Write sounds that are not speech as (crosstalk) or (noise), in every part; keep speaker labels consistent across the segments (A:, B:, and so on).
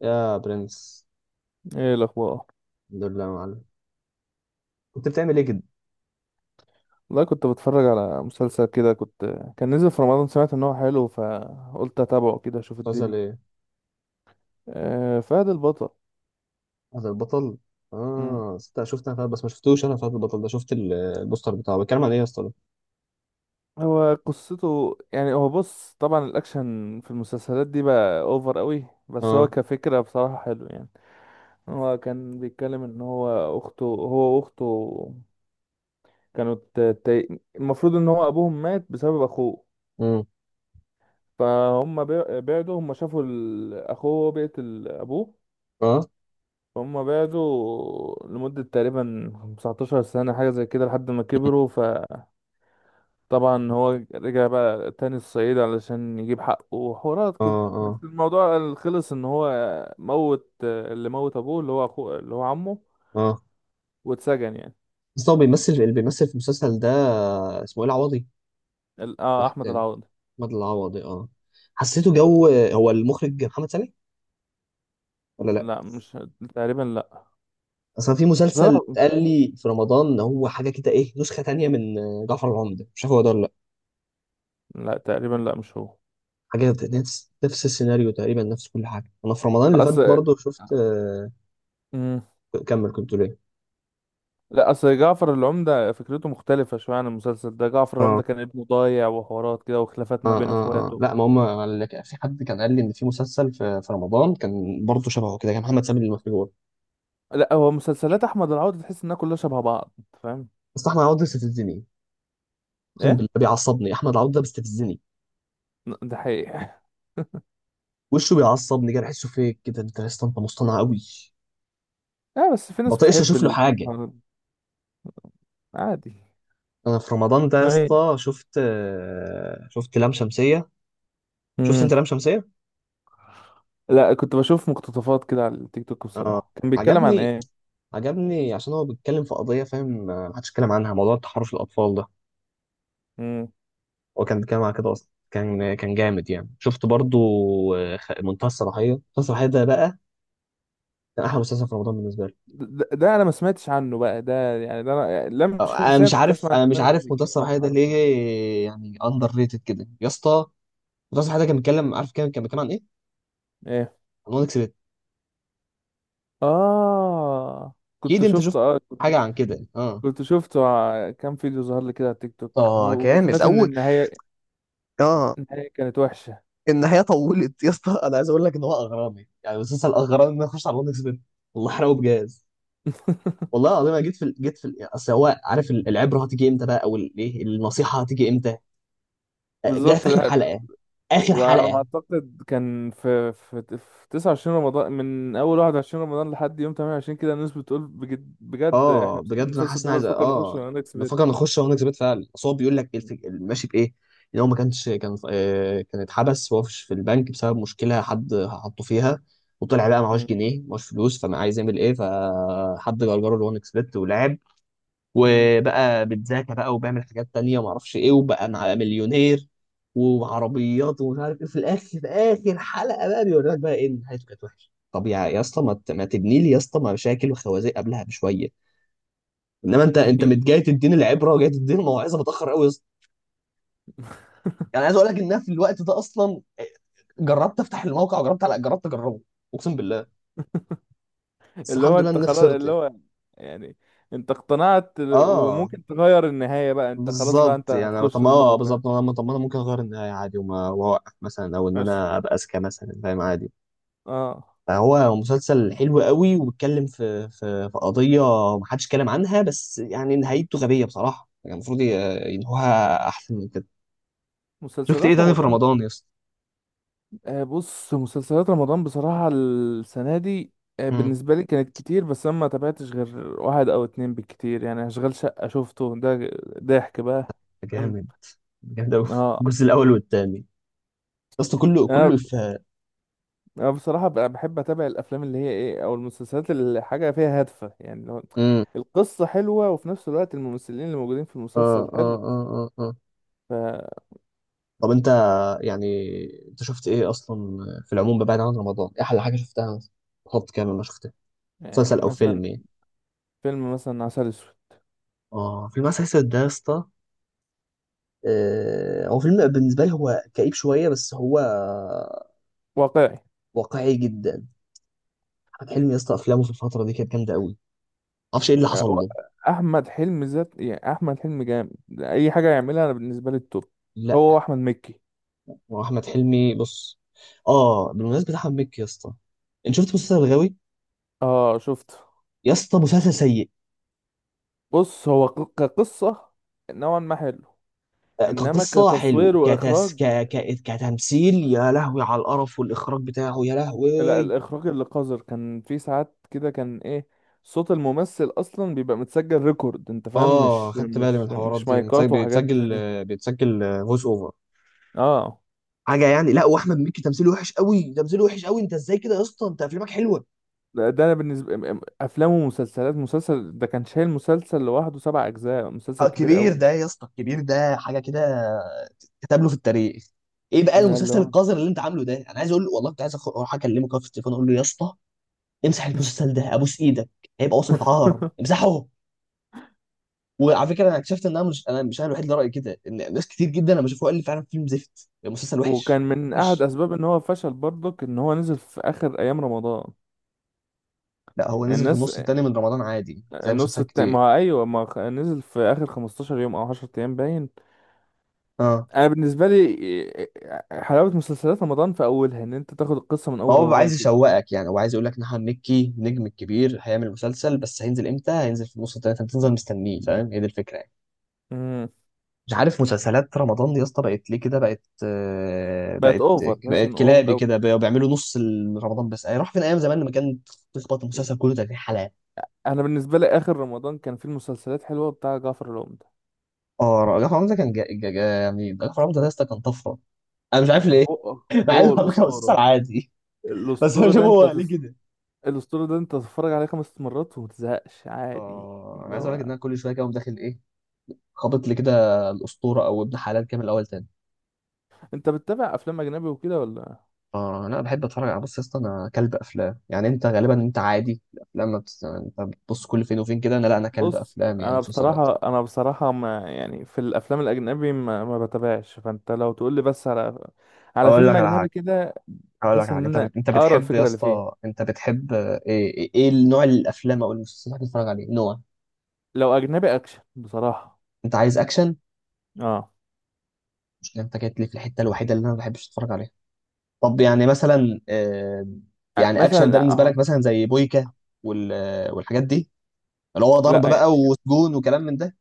A: يا برنس.
B: ايه الاخبار؟
A: الحمد لله يا معلم. كنت بتعمل ايه كده؟
B: لا، كنت بتفرج على مسلسل كده. كان نزل في رمضان، سمعت ان هو حلو، فقلت اتابعه كده اشوف
A: مسلسل
B: الدنيا.
A: ايه؟
B: آه، فهد البطل.
A: فهد البطل؟
B: مم.
A: اه، صدق شفت انا فهد بس ما شفتوش. انا فهد البطل ده شفت البوستر بتاعه، بيتكلم عن ايه يا اسطى ده؟
B: هو قصته، يعني هو بص، طبعا الاكشن في المسلسلات دي بقى اوفر قوي، بس هو
A: اه.
B: كفكرة بصراحة حلو يعني. هو كان بيتكلم ان هو واخته كانوا المفروض ان هو ابوهم مات بسبب اخوه.
A: امم.
B: فهم بعدوا، هم شافوا اخوه بيقتل ابوه.
A: اه،
B: هما بعدوا لمدة تقريبا 19 سنة، حاجة زي كده، لحد ما كبروا. فطبعا هو رجع بقى تاني الصعيد علشان يجيب حقه وحوارات
A: اه،
B: كده، بس
A: اه،
B: الموضوع خلص ان هو موت اللي موت ابوه اللي هو اخوه اللي هو عمه،
A: اه.
B: واتسجن يعني.
A: بس هو بيمثل اللي بيمثل في المسلسل ده، اسمه ايه، العوضي؟ راح
B: احمد
A: تاني.
B: العوضي.
A: احمد العوضي، اه. حسيته جو. هو المخرج محمد سامي ولا لا؟
B: لا، مش. تقريبا لا.
A: اصلا في
B: لا،
A: مسلسل اتقال لي في رمضان ان هو حاجه كده، ايه، نسخه تانيه من جعفر العمدة، مش عارف هو ده ولا
B: لا، تقريبا لا مش هو.
A: حاجة. نفس نفس السيناريو، تقريبا نفس كل حاجة. أنا في رمضان اللي فات
B: اصل.
A: برضه شفت،
B: مم.
A: كمل كنت ليه.
B: لا، اصل جعفر العمدة فكرته مختلفة شوية عن المسلسل ده. جعفر
A: اه
B: العمدة كان ابنه ضايع وحوارات كده، وخلافات ما
A: اه
B: بين
A: اه اه.
B: اخواته.
A: لا ما هم في حد كان قال لي ان في مسلسل في رمضان كان برضه شبهه كده، كان محمد سامي المخبور.
B: لا، هو مسلسلات احمد العوضي تحس انها كلها شبه بعض، أنت فاهم.
A: بس احمد عوض بيستفزني، اقسم
B: ايه.
A: بالله بيعصبني. احمد عوض ده بيستفزني،
B: ده حقيقي. (laughs)
A: وشه بيعصبني كده، بحسه فيك كده انت يا اسطى، انت مصطنع قوي.
B: اه، بس في
A: ما
B: ناس
A: بطيقش
B: بتحب
A: اشوف له
B: ال...
A: حاجه.
B: عادي.
A: انا في رمضان ده يا
B: ايوه.
A: اسطى شفت، شفت لام شمسيه. شفت انت
B: امم.
A: لام شمسيه؟
B: لا، كنت بشوف مقتطفات كده على التيك توك بصراحة. كان بيتكلم عن
A: عجبني.
B: ايه؟
A: عجبني عشان هو بيتكلم في قضية، فاهم، محدش اتكلم عنها، موضوع تحرش الأطفال ده.
B: امم.
A: هو كان بيتكلم على كده أصلا، كان جامد يعني. شفت برضو، منتهى الصلاحية. منتهى الصلاحية ده بقى كان أحلى مسلسل في رمضان بالنسبة لي.
B: ده انا ما سمعتش عنه بقى، ده يعني ده انا لم
A: أنا
B: شمسية
A: مش
B: كنت
A: عارف.
B: اسمع عن
A: أنا مش
B: أخبار انه
A: عارف منتهى
B: بيتكلم عن
A: الصلاحية ده
B: التحرش
A: ليه،
B: والعنف.
A: يعني أندر ريتد كده يا اسطى. منتهى الصلاحية ده كان بيتكلم، عارف، كان بيتكلم عن إيه؟
B: ايه.
A: عن وان اكسبت.
B: اه،
A: أكيد
B: كنت
A: أنت شفت
B: شفته.
A: حاجة عن كده، أه.
B: كنت شفته كام فيديو ظهر لي كده على التيك توك،
A: اه، جامد
B: وسمعت ان
A: اول.
B: النهاية
A: اه.
B: النهاية كانت وحشة.
A: النهايه طولت يا اسطى. أنا عايز أقول لك إن هو أغرامي، يعني مسلسل أغرامي، إن أنا أخش على وان اكسبت. والله حرقه بجاز.
B: (laughs)
A: والله العظيم انا اصل هو عارف العبره هتيجي امتى بقى، ايه النصيحه هتيجي امتى. جايه في
B: بالظبط،
A: اخر
B: لا.
A: حلقه، اخر
B: وعلى ما
A: حلقه.
B: اعتقد كان في 29 رمضان، من اول 21 رمضان لحد يوم 28 كده. الناس بتقول بجد بجد
A: اه،
B: احنا بسبب
A: بجد انا
B: المسلسل
A: حاسس
B: ده
A: ان عايز،
B: بنفكر نخش
A: اه،
B: اكس بيت.
A: بفكر نخش هو نكسبت فعلا. اصل هو بيقول لك إيه ماشي بايه، ان هو ما كانش كان، كان اتحبس وهو في البنك بسبب مشكله حد حطه فيها. وطلع بقى معهوش
B: مم.
A: جنيه، معهوش فلوس، فما عايز يعمل ايه، فحد جرجره اللي هو نكسبت ولعب
B: مم.
A: وبقى بيتذاكى بقى وبيعمل حاجات تانية ما اعرفش ايه، وبقى مع مليونير وعربيات ومش عارف ايه. في الاخر، في اخر حلقة بقى، بيوريلك بقى ايه، إن نهايته كانت وحشة. طب يا اسطى، ما تبني لي يا اسطى مشاكل وخوازيق قبلها بشويه. انما انت،
B: (laughs) ايوه.
A: جاي تديني العبره وجاي تديني الموعظه متاخر قوي يا اسطى. يعني عايز اقول لك ان أنا في الوقت ده اصلا، جربت افتح الموقع، وجربت على، جربت اجربه، اقسم بالله. بس
B: اللي
A: الحمد
B: هو
A: لله
B: انت
A: اني
B: خلاص،
A: خسرت
B: اللي
A: يعني.
B: هو، يعني انت اقتنعت
A: اه،
B: وممكن تغير النهاية بقى، انت خلاص بقى، انت
A: بالظبط يعني. طب
B: هتخش
A: ما اه
B: الموقع.
A: بالظبط انا. طب ما انا ممكن اغير النهايه عادي وما واقف مثلا، او ان
B: أش...
A: انا ابقى اذكى مثلا، فاهم، عادي.
B: اه.
A: فهو مسلسل حلو قوي وبيتكلم في في قضيه ما حدش اتكلم عنها، بس يعني نهايته غبيه بصراحه يعني، المفروض ينهوها احسن من كده. شفت ايه
B: مسلسلات
A: تاني في
B: رمضان.
A: رمضان يا اسطى؟
B: بص، مسلسلات رمضان بصراحة السنة دي
A: امم.
B: بالنسبة لي كانت كتير، بس أنا ما تابعتش غير واحد أو اتنين بالكتير يعني. أشغال شقة شفته ده. ضحك بقى. فاهم.
A: جامد، جامد قوي.
B: اه.
A: الجزء الاول والثاني يا اسطى، كله
B: أنا
A: كله في.
B: أنا بصراحة بقى بحب أتابع الأفلام اللي هي إيه، أو المسلسلات اللي حاجة فيها هادفة، يعني اللي هو
A: امم.
B: القصة حلوة وفي نفس الوقت الممثلين اللي موجودين في
A: اه
B: المسلسل
A: اه
B: حلو.
A: اه اه آه.
B: ف.
A: طب انت، يعني، انت شفت ايه اصلا في العموم بعيد عن رمضان؟ ايه احلى حاجه شفتها مثلا؟ خط كامل ما شفتها.
B: يعني
A: مسلسل او
B: مثلا
A: فيلم يعني.
B: فيلم مثلا عسل أسود.
A: اه، فيلم عسل اسود ده يا اسطى، هو فيلم بالنسبه لي هو كئيب شويه، بس هو
B: واقعي.
A: واقعي جدا. احمد حلمي يا اسطى افلامه في الفتره دي كانت جامده قوي، معرفش ايه اللي حصل
B: هو
A: له.
B: احمد حلمي، ذات يعني، احمد حلمي جامد. اي حاجه يعملها انا بالنسبه لي التوب.
A: لا،
B: هو احمد مكي.
A: هو احمد حلمي، بص. اه، بالمناسبه، احمد مكي يا اسطى، انت شفت مسلسل الغاوي؟
B: اه، شفته.
A: يا اسطى مسلسل سيء.
B: بص، هو كقصه نوعا ما حلو. انما
A: كقصة حلو،
B: كتصوير واخراج،
A: كتمثيل، يا لهوي على القرف والإخراج بتاعه، يا
B: لا،
A: لهوي.
B: الاخراج اللي قذر كان في ساعات كده كان ايه. صوت الممثل اصلا بيبقى متسجل ريكورد، انت فاهم،
A: اه،
B: مش
A: خدت بالي من
B: مش
A: الحوارات
B: مش
A: دي بتسجل،
B: مايكات وحاجات زي
A: بيتسجل،
B: دي.
A: بيتسجل فويس اوفر،
B: اه.
A: حاجة يعني. لا، واحمد مكي تمثيله وحش قوي، تمثيله وحش قوي، انت ازاي كده يا اسطى؟ انت افلامك حلوة.
B: لا، ده انا بالنسبه افلام ومسلسلات. مسلسل ده كان شايل مسلسل لوحده سبع اجزاء، مسلسل كبير
A: كبير
B: قوي.
A: ده يا اسطى، كبير ده حاجة كده، كتب له في التاريخ. ايه بقى
B: اللي
A: المسلسل
B: هو.
A: القذر اللي انت عامله ده؟ انا عايز اقول له والله، كنت عايز اروح اكلمه كده في التليفون، اقول له يا اسطى امسح المسلسل ده، ابوس ايدك. هيبقى وصمة عار،
B: (laughs)
A: امسحه. وعلى فكره انا اكتشفت ان انا مش الوحيد اللي رايي كده، ان ناس كتير جدا لما شافوه قال لي فعلا فيلم زفت، المسلسل وحش.
B: وكان من احد
A: وحش.
B: اسباب ان هو فشل برضك ان هو نزل في اخر ايام رمضان.
A: لا، هو
B: يعني
A: نزل في
B: الناس.
A: النص التاني من رمضان، عادي زي
B: النص
A: مسلسلات
B: التاني، ما
A: كتير.
B: هو ايوه، ما خ- نزل في اخر 15 يوم او 10 ايام باين.
A: اه.
B: انا بالنسبه لي حلاوه مسلسلات رمضان في اولها، ان انت تاخد القصه من
A: ما
B: اول
A: هو بيبقى
B: رمضان
A: عايز
B: كده.
A: يشوقك يعني، هو عايز يقول لك نحن مكي النجم الكبير هيعمل مسلسل، بس هينزل امتى؟ هينزل في النص التاني، فانت تفضل مستنيه، فاهم، هي دي الفكره يعني.
B: امم.
A: مش عارف مسلسلات رمضان دي يا اسطى بقت ليه كده، بقت،
B: بقت
A: بقت.
B: اوفر،
A: بقت
B: مثلا اوفر
A: كلابي
B: قوي.
A: كده، بقوا بيعملوا نص رمضان بس يعني، راح فين ايام زمان لما كان تخبط المسلسل كله 30 حلقه.
B: انا بالنسبه لي اخر رمضان كان فيه المسلسلات حلوه، بتاع جعفر العمدة.
A: اه، رجع حمزة كان يعني رجع حمزة ده يا اسطى كان طفرة، انا مش عارف
B: يعني
A: ليه.
B: هو
A: (laughs) مع
B: هو
A: انه على فكرة مسلسل عادي. (laughs) بس انا
B: الاسطوره
A: مش عارف
B: ده
A: هو
B: انت
A: ليه كده.
B: الاسطوره ده انت تتفرج عليه خمس مرات وما تزهقش عادي.
A: اه، انا
B: اللي
A: عايز اقول لك ان
B: هو.
A: انا كل شوية كده أقوم داخل ايه، خابط لي كده الأسطورة او ابن حلال كامل، الاول تاني.
B: انت بتتابع افلام اجنبي وكده ولا؟
A: اه، انا بحب اتفرج على، بص يا اسطى انا كلب افلام يعني، انت غالبا انت عادي الافلام ما بت... انت بتبص كل فين وفين كده، انا لا، انا كلب
B: بص،
A: افلام يعني
B: انا
A: مسلسلات.
B: بصراحه انا بصراحه ما، يعني في الافلام الاجنبي ما بتابعش، فانت لو تقول لي بس على
A: اقول لك
B: فيلم
A: على
B: اجنبي
A: حاجه
B: كده
A: اقول لك على
B: بحيث
A: حاجه
B: ان
A: انت
B: انا
A: انت
B: اقرا
A: بتحب يا
B: الفكره اللي فيه.
A: اسطى، انت بتحب، ايه ايه إيه نوع الافلام او المسلسلات اللي بتتفرج عليه، نوع؟
B: لو اجنبي اكشن بصراحه.
A: انت عايز اكشن؟
B: اه.
A: مشكلة، انت جيت لي في الحتة الوحيدة اللي انا ما بحبش اتفرج عليها. طب يعني مثلا، يعني اكشن ده
B: مثلا،
A: بالنسبة
B: اه.
A: لك مثلا زي بويكا والحاجات دي، اللي هو
B: لا،
A: ضرب بقى
B: يعني
A: وسجون وكلام من ده.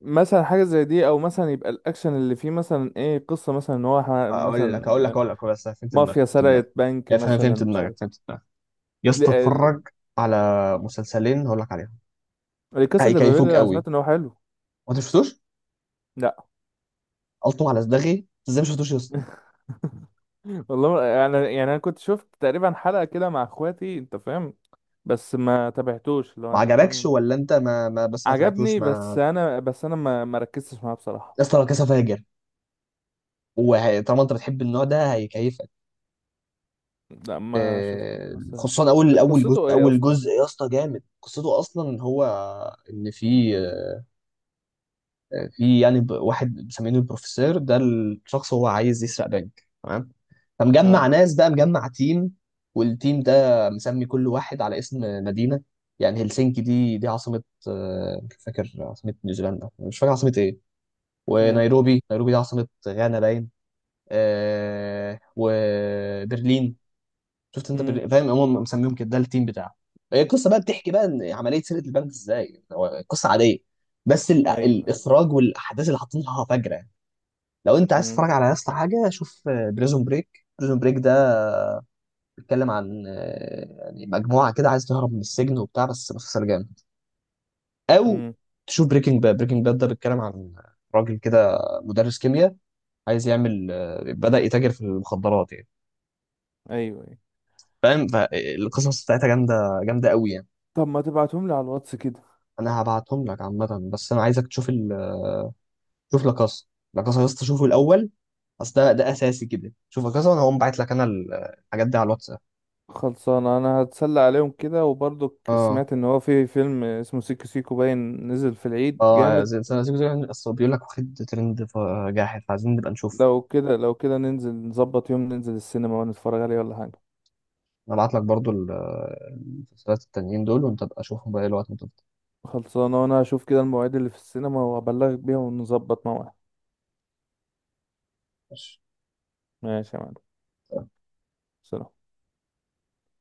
B: مثلا حاجه زي دي، او مثلا يبقى الاكشن اللي فيه مثلا ايه، قصه مثلا ان هو
A: اقول لك
B: مثلا،
A: اقول لك اقول لك بس، فهمت دماغك
B: مافيا
A: فهمت دماغك
B: سرقت بنك
A: افهم،
B: مثلا،
A: فهمت
B: مش
A: دماغك فهمت دماغك. يا اسطى
B: عارف.
A: اتفرج على مسلسلين هقول لك عليهم،
B: القصة ده بابيل،
A: هيكيفوك
B: انا
A: قوي.
B: سمعت ان هو حلو.
A: وانت شفتوش؟
B: لا.
A: قلتم على صداغي، انت ازاي ما شفتوش يا اسطى؟
B: (laughs) والله، يعني انا كنت شفت تقريبا حلقة كده مع اخواتي، انت فاهم، بس ما تابعتوش، لو
A: ما
B: انت
A: عجبكش
B: فاهم.
A: ولا انت ما بس ما تبعتوش
B: عجبني،
A: ما.
B: بس انا ما ركزتش معاه بصراحة.
A: يا اسطى، لا كاسا فاجر، وطالما انت بتحب النوع ده هيكيفك.
B: لا، ما شفت بس.
A: خصوصا اول
B: ده
A: اول جزء،
B: قصته ايه
A: اول
B: اصلا؟
A: جزء يا اسطى جامد قصته اصلا. هو ان في، في يعني، واحد مسمينه البروفيسور ده، الشخص هو عايز يسرق بنك، تمام، فمجمع
B: اه.
A: ناس بقى، مجمع تيم، والتيم ده مسمي كل واحد على اسم مدينة. يعني هلسنكي دي عاصمة، مش فاكر عاصمة نيوزيلندا، مش فاكر عاصمة ايه.
B: امم.
A: ونيروبي، نيروبي دي عاصمة غانا باين. وبرلين. شفت انت
B: امم.
A: فاهم، هم مسميهم كده، ده التيم بتاعه. هي القصه بقى بتحكي بقى ان عمليه سرقه البنك ازاي، هو قصه عاديه، بس
B: ايوه.
A: الاخراج والاحداث اللي حاطينها فجره يعني. لو انت عايز
B: امم.
A: تتفرج على نفس حاجه، شوف بريزون بريك. بريزون بريك ده بيتكلم عن، يعني مجموعه كده عايز تهرب من السجن وبتاع، بس مسلسل جامد. او
B: امم.
A: تشوف بريكنج باد. بريكنج باد ده بيتكلم عن راجل كده، مدرس كيمياء، عايز يعمل، بدأ يتاجر في المخدرات يعني،
B: ايوه. أيوة.
A: فاهم، فالقصص بتاعتها جامده، جامده قوي يعني.
B: طب ما تبعتهم لي على الواتس كده.
A: انا هبعتهم لك عامه، بس انا عايزك تشوف شوف لاكاسا. لاكاسا يا اسطى شوفه الاول، اصل ده اساسي كده. شوف لاكاسا وانا هقوم باعت لك انا الحاجات دي على الواتساب.
B: خلصان، انا هتسلى عليهم كده، وبرضك
A: اه.
B: سمعت ان هو في فيلم اسمه سيكو سيكو باين نزل في العيد
A: اه
B: جامد.
A: اصل بيقول لك واخد ترند، جاحد، فعايزين نبقى نشوف.
B: لو كده ننزل نظبط يوم ننزل السينما ونتفرج عليه ولا حاجة.
A: انا ابعت لك برضو المسلسلات التانيين دول، وانت ابقى شوفهم بقى إيه الوقت ما تفضى.
B: خلصانة، وانا هشوف كده المواعيد اللي في السينما وابلغك بيها ونظبط موعد.
A: ماشي.
B: ماشي يا معلم. سلام.